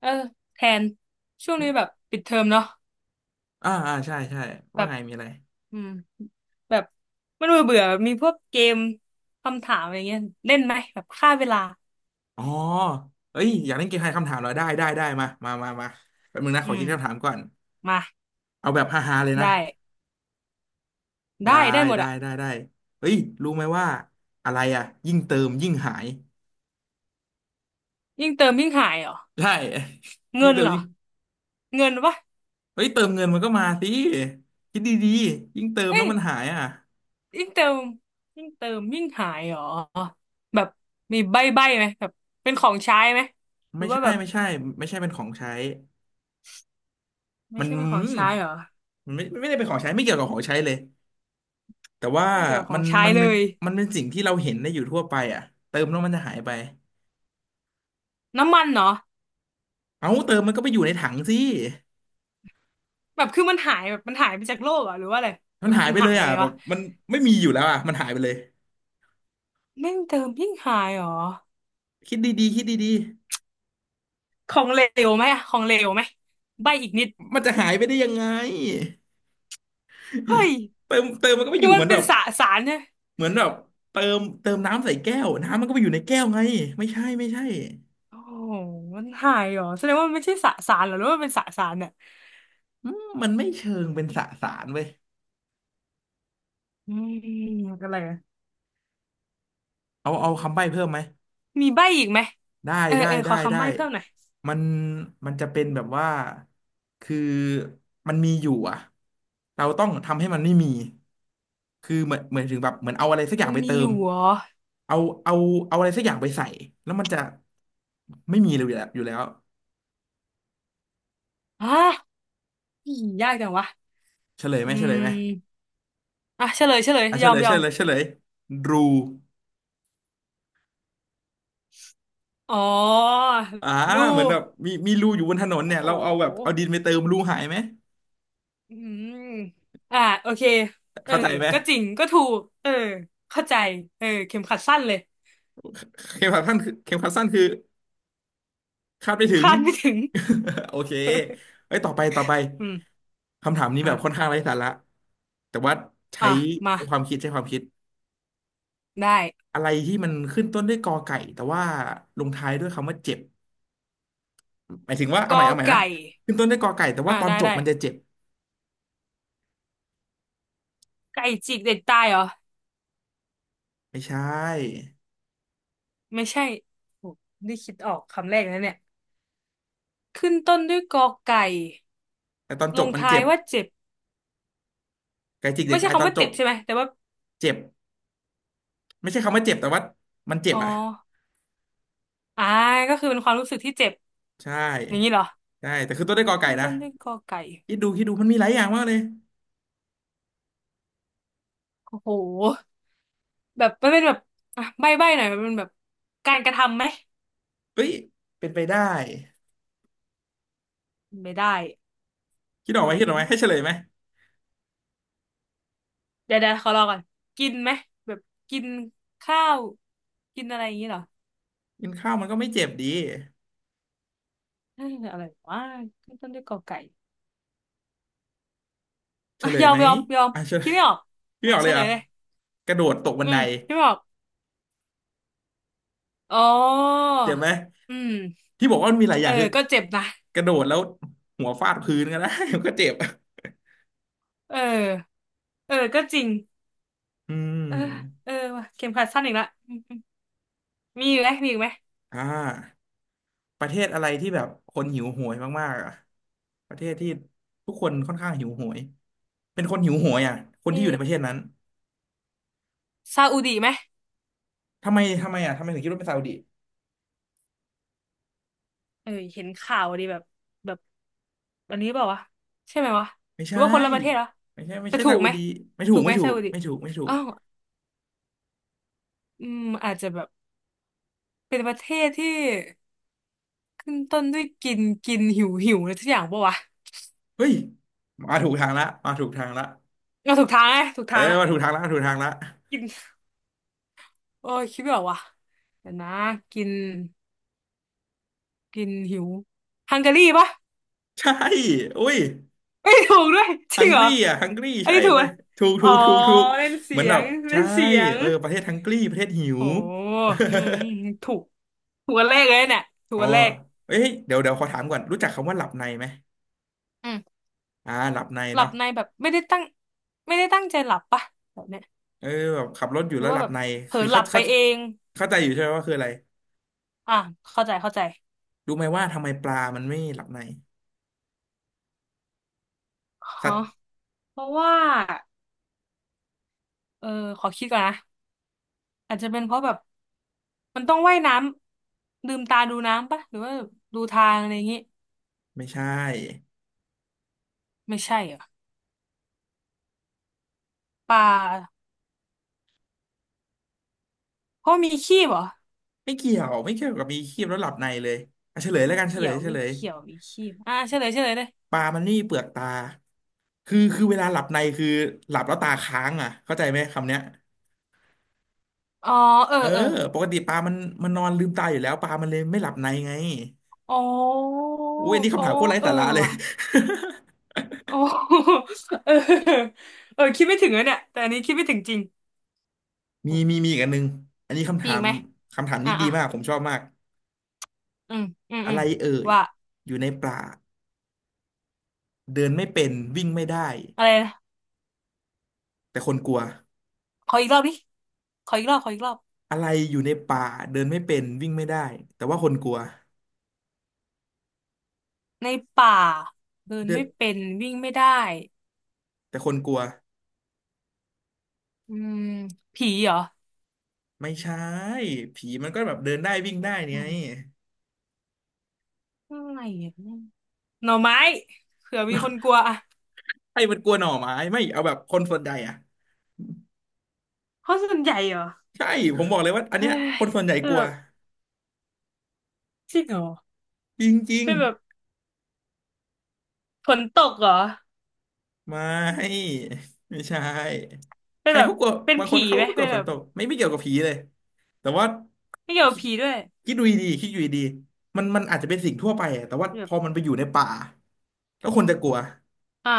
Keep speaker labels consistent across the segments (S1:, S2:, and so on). S1: เออแทนช่วงนี้แบบปิดเทอมเนาะ
S2: ใช่ใช่
S1: แบ
S2: ว่า
S1: บ
S2: ไงมีอะไร
S1: อืมแบบมันเบื่อเบื่อมีพวกเกมคำถามอะไรเงี้ยเล่นไหมแบบฆ่าเวลา
S2: อ๋อเอ้ยอยากเล่นเกมทายคำถามเหรอได้ได้ได้มามามามาแป๊บนึงนะ
S1: อื
S2: ขอคิ
S1: ม
S2: ดคำถามก่อน
S1: มา
S2: เอาแบบฮาๆเลย
S1: ได้
S2: นะได้
S1: ได้ได้หมด
S2: ได้
S1: อะ
S2: ได้ได้เฮ้ยรู้ไหมว่าอะไรอะยิ่งเติมยิ่งหาย
S1: ยิ่งเติมยิ่งหายเหรอ
S2: ใช่ ยิ่
S1: เงิ
S2: ง
S1: น
S2: เติม
S1: เหรอ
S2: ยิ่ง
S1: เงินวะ
S2: เฮ้ยเติมเงินมันก็มาสิคิดดีๆยิ่งเติม
S1: เอ้
S2: แล้ว
S1: ย
S2: มันหายอ่ะ
S1: ยิ่งเติมยิ่งหายเหรอแบบมีใบ้ไหมแบบเป็นของใช้ไหมหรื
S2: ไม่
S1: อว่า
S2: ใช่
S1: แบบ
S2: ไม่ใช่ไม่ใช่เป็นของใช้
S1: ไม่
S2: มัน
S1: ใช่เป็นของ
S2: ม
S1: ใช้เหรอ
S2: มันไม่ได้เป็นของใช้ไม่เกี่ยวกับของใช้เลย แต่ว่า
S1: ไม่เกี่ยวกับขอ
S2: มั
S1: ง
S2: น
S1: ใช้
S2: มัน
S1: เลย
S2: มันเป็นสิ่งที่เราเห็นได้อยู่ทั่วไปอ่ะเติมแล้วมันจะหายไป
S1: น้ำมันเหรอ
S2: เอ้าเติมมันก็ไปอยู่ในถังสิ
S1: แบบคือมันหายแบบมันหายไปจากโลกเหรอหรือว่าอะไร
S2: มั
S1: แบ
S2: น
S1: บ
S2: หาย
S1: มัน
S2: ไปเล
S1: หาย
S2: ย
S1: ยั
S2: อ่ะ
S1: งไง
S2: แบ
S1: วะ
S2: บมันไม่มีอยู่แล้วอ่ะมันหายไปเลย
S1: แม่งเติมยิ่งหายเหรอ
S2: คิดดีๆคิดดี
S1: ของเหลวไหมอะของเหลวไหมใบอีกนิด
S2: ๆมันจะหายไปได้ยังไง
S1: เฮ้ย
S2: เติมมันก็ไป
S1: คื
S2: อ
S1: อ
S2: ยู่เห
S1: มัน
S2: มือน
S1: เป็
S2: แบ
S1: น
S2: บ
S1: สสารเนี่ย
S2: เหมือนแบบเติมน้ำใส่แก้วน้ำมันก็ไปอยู่ในแก้วไงไม่ใช่ไม่ใช่
S1: โอ้โหมันหายเหรอแสดงว่ามันไม่ใช่สสารเหรอหรือว่ามันเป็นสสารเนี่ย
S2: อืมมันไม่เชิงเป็นสสารเว้ย
S1: อืมอะไรอะ
S2: เอาเอาคำใบ้เพิ่มไหม
S1: มีใบอีกไหม
S2: ได้
S1: เออ
S2: ได้
S1: เออข
S2: ได้
S1: อคำ
S2: ได้
S1: ใบ้เพิ่มหน่อย
S2: มันมันจะเป็นแบบว่า คือมันมีอยู่อ่ะเราต้องทำให้มันไม่มี คือเหมือนถึงแบบเหมือนเอาอะไรสักอย่า
S1: มั
S2: ง
S1: น
S2: ไป
S1: มี
S2: เติ
S1: อ
S2: ม
S1: ยู่เหรอ
S2: เอาเอาเอาอะไรสักอย่างไปใส่แล้วมันจะไม่มีเลยอยู่แล้วอยู่แล้ว
S1: ฮะอี๋ยากจังวะ
S2: เฉลยไหม
S1: อื
S2: เฉลยไหม
S1: มอ่ะเฉลย
S2: อ่ะเฉ
S1: ยอ
S2: ล
S1: ม
S2: ย
S1: ย
S2: เฉ
S1: อม
S2: ลยเฉลยรู
S1: อ๋อ
S2: อ่า
S1: ลู
S2: เหมือนแบบมีมีรูอยู่บนถนน
S1: โอ้
S2: เนี่ย
S1: โห
S2: เราเอาแบบเอาดินไปเติมรูหายไหม
S1: อืมอ่าโอเคเออ
S2: เข้าใจไหม
S1: ก็จริงก็ถูกเออ เข้าใจ เออ เข็มขัดสั้นเลย
S2: เข็มขัดสั้นคือเข็มขัดสั้นคือ คาดไม่ถึง
S1: คาดไม่ถึง
S2: โอเค เอ้ยต่อไปต่อไป
S1: อืม
S2: คำถามนี้แบ
S1: อ่ะ
S2: บค่อนข้างไร้สาระแต่ว่าใช้
S1: อ่ะ มา
S2: ใช้ความคิดใช้ความคิด
S1: ได้
S2: อะไรที่มันขึ้นต้นด้วยกอไก่แต่ว่าลงท้ายด้วยคำว่าเจ็บหมายถึงว่าเอา
S1: ก
S2: ใหม่
S1: อ
S2: เอาใหม่นะ
S1: ไก่
S2: ขึ้นต้นด้วยกอไก่แต่
S1: อ่า
S2: ว่าตอน
S1: ได้
S2: จบ
S1: ได้
S2: มันจะเจ็บ
S1: ไก่จิกเด็กตายเหรอ
S2: ไม่ใช่
S1: ไม่ใช่โอ้นี่คิดออกคำแรกนะเนี่ยขึ้นต้นด้วยกอไก่
S2: แต่ตอน
S1: ล
S2: จบ
S1: ง
S2: มัน
S1: ท้า
S2: เจ็
S1: ย
S2: บ
S1: ว่าเจ็บ
S2: ไก่จิกเด็
S1: ไม่
S2: ก
S1: ใช่
S2: ตายต
S1: คำ
S2: อน
S1: ว่า
S2: จ
S1: เจ็บ
S2: บ
S1: ใช่ไหมแต่ว่า
S2: เจ็บไม่ใช่คำว่าเจ็บแต่ว่ามันเจ็บ
S1: อ๋อ
S2: อ่ะ
S1: อ่าก็คือเป็นความรู้สึกที่เจ็บ
S2: ใช่
S1: อย่างนี้เหรอ
S2: ใช่แต่ขึ้นต้นด้วยกอไก่
S1: ขึ้น
S2: นะ
S1: ต้นด้วยกอไก่
S2: คิดดูคิดดูมันมีหลายอย่างมากเลย
S1: โอ้โห แบบมันเป็นแบบอ่ะใบ้หน่อยมันเป็นแบบการกระทำไหม
S2: เฮ้ยเป็นไปได้
S1: ไม่ได้
S2: คิดออ
S1: อะ
S2: กไหม
S1: ไร
S2: คิดออกไหม
S1: มาก
S2: ให้เฉลยไหม
S1: เดี๋ยวขอรอก่อนกินไหมแบบกินข้าวกินอะไรอย่างนี้เหรอ
S2: กินข้าวมันก็ไม่เจ็บดี
S1: เอ้ยอะไรวะขึ้นต้นด้วยกอไก่
S2: เฉ
S1: อ่ะ
S2: ลย
S1: ยอม
S2: ไหม
S1: ยอมยอม
S2: อ่ะเฉล
S1: คิด
S2: ย
S1: ไม่ออก เอ
S2: พี่
S1: อ
S2: บอก
S1: เฉ
S2: เลย
S1: ล
S2: เหร
S1: ย
S2: อ
S1: เลย
S2: กระโดดตกบั
S1: อื
S2: นได
S1: มคิดไม่ออกอ๋อ
S2: เจ็บไหม
S1: อืม
S2: ที่บอกว่ามันมีหลายอ
S1: เออ
S2: ย่างคือ
S1: ก็เจ็บนะ
S2: กระโดดแล้วหัวฟาดพื้นก็ได้ มันก็เจ็บ
S1: เออเออก็จริง
S2: อืม
S1: เออเออว่ะเข็มขัดสั้นอีกละอืมอืมมีอีกไหมมีอีกไหม
S2: อ่าประเทศอะไรที่แบบคนหิวโหยมากๆอ่ะประเทศที่ทุกคนค่อนข้างหิวโหยเป็นคนหิวโหยอ่ะคน
S1: มี
S2: ที่อยู่ในประเทศนั้น
S1: ซาอุดิไหม
S2: ทำไมทำไมอ่ะทำไมถึงคิดว่าเป็นซาอุดิ
S1: เออเห็นข่าวดีแบบแบบอันนี้เปล่าวะใช่ไหมวะ
S2: ไม่
S1: หรือ
S2: ใช่
S1: ว่าคนละประเทศเหรอ
S2: ไม่ใช่ไม่
S1: แต่
S2: ใช่
S1: ถู
S2: ซา
S1: ก
S2: อุ
S1: ไหม
S2: ดีไม่ถู
S1: ถู
S2: ก
S1: กไห
S2: ไม่
S1: ม
S2: ถู
S1: ซา
S2: ก
S1: อุดิ
S2: ไม่ถูกไม่ถูก
S1: อ้าวอืมอาจจะแบบเป็นประเทศที่ขึ้นต้นด้วยกินกินหิวหิวอะไรทุกอย่างปะวะ
S2: เฮ้ยมาถูกทางละมาถูกทางละ
S1: เราถูกทางไงถูก
S2: เออ
S1: ทางอะ
S2: มาถูกทางละมาถูกทางละ
S1: กินโอ้ยคิดไม่ออกว่ะเดี๋ยวนะกินกินหิวฮังการีปะ
S2: ใช่อุ้ย
S1: ไ้่ถูกด้วยจ
S2: ฮั
S1: ริง
S2: งก
S1: เหรอ
S2: รีอ่ะฮังกรี
S1: อัน
S2: ใช่
S1: นี้ถูกไหม
S2: ไปะถูก
S1: อ๋
S2: ถู
S1: อ
S2: กถูกถูก
S1: เล่น
S2: เห
S1: เสี
S2: มือน
S1: ย
S2: แบ
S1: ง
S2: บ
S1: เล่
S2: ใช่
S1: นเสียง
S2: เออประเทศฮังกรีประเทศหิว
S1: โอ้ อืมถูกถูกอันแรกเลยเนี่ยถูก
S2: อ๋อ
S1: อันแรก
S2: เอ้ยเดี๋ยวเดี๋ยวขอถามก่อนรู้จักคำว่าหลับในไหม
S1: อืม
S2: อ่าหลับใน
S1: หลับ
S2: เนาะ
S1: ในแบบไม่ได้ตั้งใจหลับปะแบบเนี้ย
S2: เออแบบขับรถอยู่
S1: หรือ
S2: แล้วห
S1: ว่า
S2: ลับ
S1: แบบ
S2: ใน
S1: เผลอ
S2: คือ
S1: หลั
S2: เขา
S1: บไป
S2: เขา
S1: เอง
S2: เข้าใจอยู่ใช่ไหมว่าคืออะไร
S1: อ่ะ เข้าใจ
S2: รู้ไหมว่าทำไมปลามันไม่หลับในสั
S1: ฮะ
S2: ตว์
S1: เพราะว่าเออขอคิดก่อนนะอาจจะเป็นเพราะแบบ มันต้องว่ายน้ำลืมตาดูน้ำปะหรือว่าดูทางอะไรอย่างงี้
S2: ไม่ใช่
S1: ไม่ใช่เหรอป่าเพราะมีขี้เหรอ
S2: ไม่เกี่ยวไม่เกี่ยวกับมีครีบแล้วหลับในเลยอ่ะเฉลย
S1: ไม่
S2: แล้วกันเฉ
S1: เกี่
S2: ล
S1: ย
S2: ย
S1: ว
S2: เฉ
S1: ไม่
S2: ลย
S1: เกี่ยวมีขี้อ่ะเฉลยเลย
S2: ปลามันไม่มีเปลือกตาคือคือ เวลาหลับในคือหลับแล้วตาค้างอ่ะเข้าใจไหมคำเนี้ย
S1: อ๋อเออ
S2: เออ
S1: เออ
S2: ปกติปลามันมันนอนลืมตาอยู่แล้วปลามันเลยไม่หลับในไง
S1: อ๋อ
S2: อุ้ยอันนี้
S1: อ๋อ
S2: คำถามโคตรไร้
S1: เออ
S2: สาระเลย
S1: ว่ะอ๋อเออ เออ คิดไม่ถึงเลยเนี่ยแต่อันนี้คิดไม่ถึงจริง โอ
S2: มีมี
S1: ม
S2: มีอีกอันหนึงอันนี้คำ
S1: ี
S2: ถา
S1: อีก
S2: ม
S1: ไหม
S2: คำถาม
S1: อ่ะ
S2: นี้ดี
S1: อ่ะ
S2: มาก ผมชอบมาก
S1: อืม อืม
S2: อะ
S1: อื
S2: ไร
S1: ม
S2: เอ่ย
S1: ว่า
S2: อยู่ในป่าเดินไม่เป็นวิ่งไม่ได้
S1: อะไรนะ
S2: แต่คนกลัว
S1: ขออีกรอบดิขออีกรอบขออีกรอบ
S2: อะไรอยู่ในป่าเดินไม่เป็นวิ่งไม่ได้แต่ว่าคนกลัว
S1: ในป่า เดิน
S2: เดิน
S1: ไม่เป็น วิ่งไม่ได้
S2: แต่คนกลัว
S1: อืมผีเหรอ
S2: ไม่ใช่ผีมันก็แบบเดินได้วิ่งได้
S1: อื
S2: ไง
S1: มอะไรอ่ะเนี่ยหน่อไม้เผื่อมีคนก ลัวอ่ะ
S2: ให้มันกลัวหน่อไม้ไม่เอาแบบคนส่วนใหญ่อ่ะ
S1: เพราะส่วนใหญ่เหรอ
S2: ใช่ผมบอกเลยว่าอัน
S1: เฮ้
S2: เนี้ย
S1: ย
S2: คนส่วนใหญ่
S1: เออ
S2: กลัว
S1: จริงเหรอ
S2: จริง
S1: เป็นแบบฝนตกเหรอ
S2: ๆไม่ไม่ใช่
S1: เป็
S2: ใค
S1: น
S2: ร
S1: แบบ
S2: เขากลัว
S1: เป็น
S2: บางค
S1: ผี
S2: นเขา
S1: ไหม
S2: ก็ไม่ก
S1: เป็
S2: ลัว
S1: น
S2: ฝ
S1: แบ
S2: น
S1: บ
S2: ตกไม่ไม่เกี่ยวกับผีเลยแต่ว่า
S1: ไม่เกี่ยวกั
S2: คิ
S1: บ
S2: ด
S1: ผีด้วย
S2: คิดดูดีๆคิดดูดีๆมันมันอาจจะเป็นสิ่งทั่วไปอะแต่ว่าพ
S1: แบบ
S2: อมันไปอยู่ในป่าแล้วคนจะกลัว
S1: อ่ะ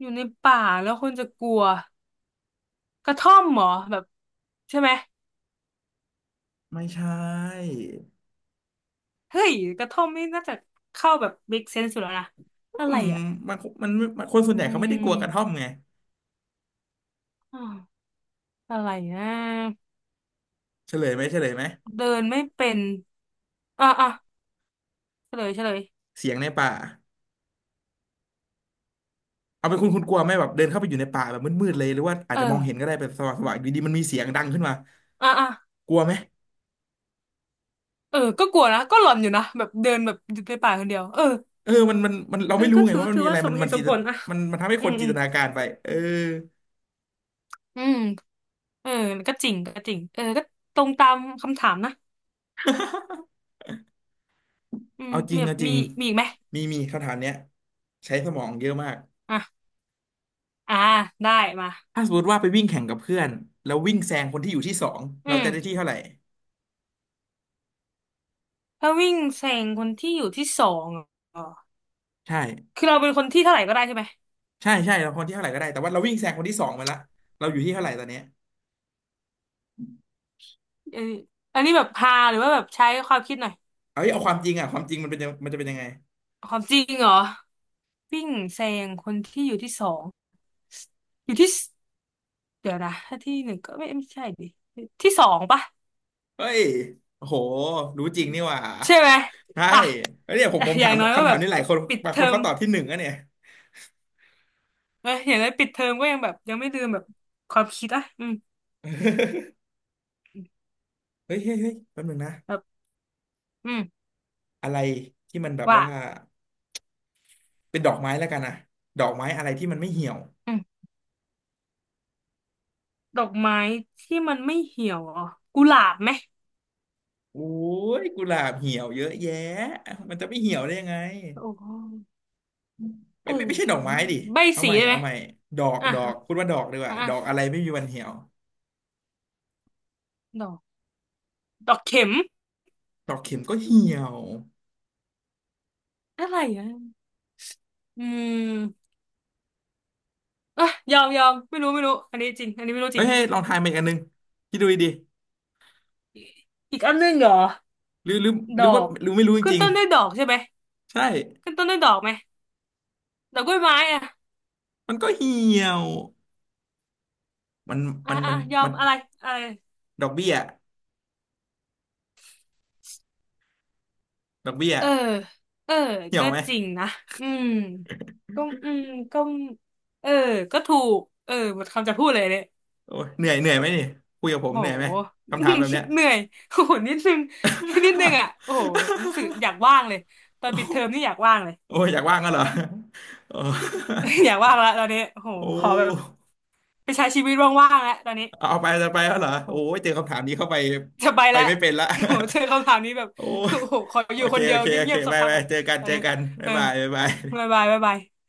S1: อยู่ในป่าแล้วคนจะกลัวกระท่อมเหรอแบบใช่ไหม
S2: ไม่ใช่
S1: เฮ้ยกระท่อมนี่น่าจะเข้าแบบ make sense สุดแล้วนะอะ
S2: อื
S1: ไร
S2: ม
S1: อ่ะ
S2: มันมันมันคนส่วน
S1: อื
S2: ใหญ่เขาไม่ได้กลัวกระท่อม
S1: ม
S2: ไง
S1: อาวอะไรนะ
S2: เฉลยไหมเฉลยไหม
S1: เดินไม่เป็นอ่ะอ่ะเฉลย
S2: เสียงในป่าเอาเป็นคุณกลัวไหมแบบเดินเข้าไปอยู่ในป่าแบบมืดๆเลยหรือว่าอา
S1: เอ
S2: จจะมอ
S1: อ
S2: งเห็นก็ได้เป็นสว่างสว่างอยู่ดีๆมันมีเสียงดังขึ้นมา
S1: อ่ะอ่ะ
S2: กลัวไหม
S1: เออก็กลัวนะก็หลอนอยู่นะแบบเดินแบบอยู่ในป่าคนเดียวเออ
S2: เออมันเรา
S1: เออ
S2: ไม่รู้
S1: ก็
S2: ไง
S1: ถือ
S2: ว่ามัน
S1: ถือ
S2: มีอะ
S1: ว่า
S2: ไร
S1: สมเหตุสมผลอ่ะ
S2: มันทำให้
S1: อื
S2: คน
S1: มอื
S2: จินต
S1: ม
S2: นาการไปเออ
S1: อืมเออก็จริงเออก็ตรงตามคำถามนะ อืม
S2: เอาจ
S1: มี
S2: ริง
S1: แบบ
S2: เอาจ
S1: มี
S2: ริง
S1: มีอีกไหม
S2: มีมีคำถามเนี้ยใช้สมองเยอะมาก
S1: อ่ะอ่าได้มา
S2: ถ้าสมมติว่าไปวิ่งแข่งกับเพื่อนแล้ววิ่งแซงคนที่อยู่ที่สอง
S1: อื
S2: เรา
S1: ม
S2: จะได้ที่เท่าไหร่
S1: ถ้าวิ่งแซงคนที่อยู่ที่สองเหรอ
S2: ใช่
S1: คือเราเป็นคนที่เท่าไหร่ก็ได้ใช่ไหม
S2: ใช่ใช่เราคนที่เท่าไหร่ก็ได้แต่ว่าเราวิ่งแซงคนที่สองไปละเราอยู่ที่เท่าไหร่ตอนเนี้ย
S1: เอออันนี้แบบพาหรือว่าแบบใช้ความคิดหน่อย
S2: เอ้ยเอาความจริงอ่ะความจริงมันจะเป็นยังไง
S1: ความจริงเหรอวิ่งแซงคนที่อยู่ที่สองอยู่ที่สเดี๋ยวนะถ้าที่หนึ่งก็ไม่ใช่ดิที่สองปะ
S2: เฮ้ยโอ้โหรู้จริงนี่หว่า
S1: ใช่ไหม
S2: ใช่
S1: อ่ะ
S2: เฮ้วเนี่ยผม
S1: แต่
S2: ผม
S1: อ
S2: ถา
S1: ย่าง
S2: ม
S1: น้อยก็
S2: คำ
S1: แบ
S2: ถาม
S1: บ
S2: นี้หลายคน
S1: ปิด
S2: บาง
S1: เท
S2: ค
S1: อ
S2: น
S1: ม
S2: เขาตอบที่หนึ่งอะเนี่ย
S1: เอออย่างน้อยปิดเทอมก็ยังแบบยังไม่ลืมแบบความคิดอ่ะอืม
S2: เฮ้ยเฮ้ยเฮ้ยแป๊บนึงนะ
S1: แบบอืม
S2: อะไรที่มันแบบ
S1: ว่า
S2: ว่าเป็นดอกไม้แล้วกันนะดอกไม้อะไรที่มันไม่เหี่ยว
S1: ดอกไม้ที่มันไม่เหี่ยวเหรอ่ะกุหลาบไหม
S2: โอ้ยกุหลาบเหี่ยวเยอะแยะมันจะไม่เหี่ยวได้ยังไง
S1: โอ้เอ
S2: ไม่
S1: อ
S2: ไม่ไม่ใช่ดอกไม้
S1: มาก
S2: ดิ
S1: ใบ
S2: เอา
S1: สี
S2: ใหม่
S1: ได้ไหม
S2: เอาใหม่ดอก
S1: อ่ะ
S2: ดอกพูดว่าดอกดีก
S1: อ่ะ
S2: ว่าดอก
S1: อ่ะ
S2: อะไรไม่มีวันเหี่ยว
S1: ดอกดอกเข็ม
S2: ดอกเข็มก็เหี่ยว
S1: อะไรอ่ะอืมอ่ะยอมยอมไม่รู้อันนี้จริงอันนี้ไม่รู้จ
S2: เฮ้
S1: ริ
S2: ย
S1: ง
S2: เฮ้ยลองทายมาอีกอันนึงคิดดูดี
S1: อีกอันหนึงเหรอ
S2: ๆหรือ
S1: ด
S2: ห
S1: อ
S2: รือว่า
S1: ก
S2: หรือไม่รู้จ
S1: ขึ้น
S2: ริง
S1: ต้นด้วยดอกใช่ไหม
S2: ๆใช่
S1: ขึ้นต้นด้วยดอกไหมดอกกล้วยไม้อ่ะ
S2: มันก็เหี่ยว มัน
S1: อ่ะ
S2: มัน
S1: อ่ะ
S2: มัน
S1: ยอม
S2: มัน
S1: อะไรอะไร
S2: ดอกเบี้ยดอกเบี้ย
S1: เออเออ
S2: เหี่ย
S1: ก็
S2: วไหม
S1: จริงนะอืมก็อืมก็เออก็ถูกเออหมดคำจะพูดเลยเนี่ย
S2: โอ้ยเหนื่อยเหนื่อยไหมนี่คุยกับผม
S1: โห
S2: เหนื่อยไหมคำถามแบบเนี้ย
S1: เหนื่อยโอ้โหนิดนึง นิดนึงอ่ะโอ้โหรู้สึกอ ยากว่างเลยตอน
S2: โอ้
S1: ปิดเทอมนี่อยากว่างเลย
S2: โอ้ยอยากว่างก็เหรอโอ้
S1: อยากว่างละตอนนี้โอ้โห
S2: โอ้
S1: ขอแบบไปใช้ชีวิตว่างๆแล้วตอนนี้
S2: เอาไปจะไปแล้วเหรอโอ้
S1: โอ้โห
S2: ยเจอคำถามนี้เข้าไป
S1: จะไป
S2: ไป
S1: แล้ว
S2: ไม่เป็นละ
S1: โอ้โหเจอคำถามนี้แบบ
S2: โอ้
S1: โอ้โหขออ
S2: โอ
S1: ยู่
S2: เค
S1: คนเดี
S2: โอ
S1: ยว
S2: เคโอ
S1: เงี
S2: เค
S1: ยบๆสัก
S2: บาย
S1: พัก
S2: บาย
S1: อ่ะ
S2: เจอกัน
S1: ตอน
S2: เจอ
S1: นี้
S2: กัน
S1: เอ
S2: บ๊าย
S1: อ
S2: บายบ๊ายบา
S1: บ๊า
S2: ย
S1: ยบายบ๊ายบาย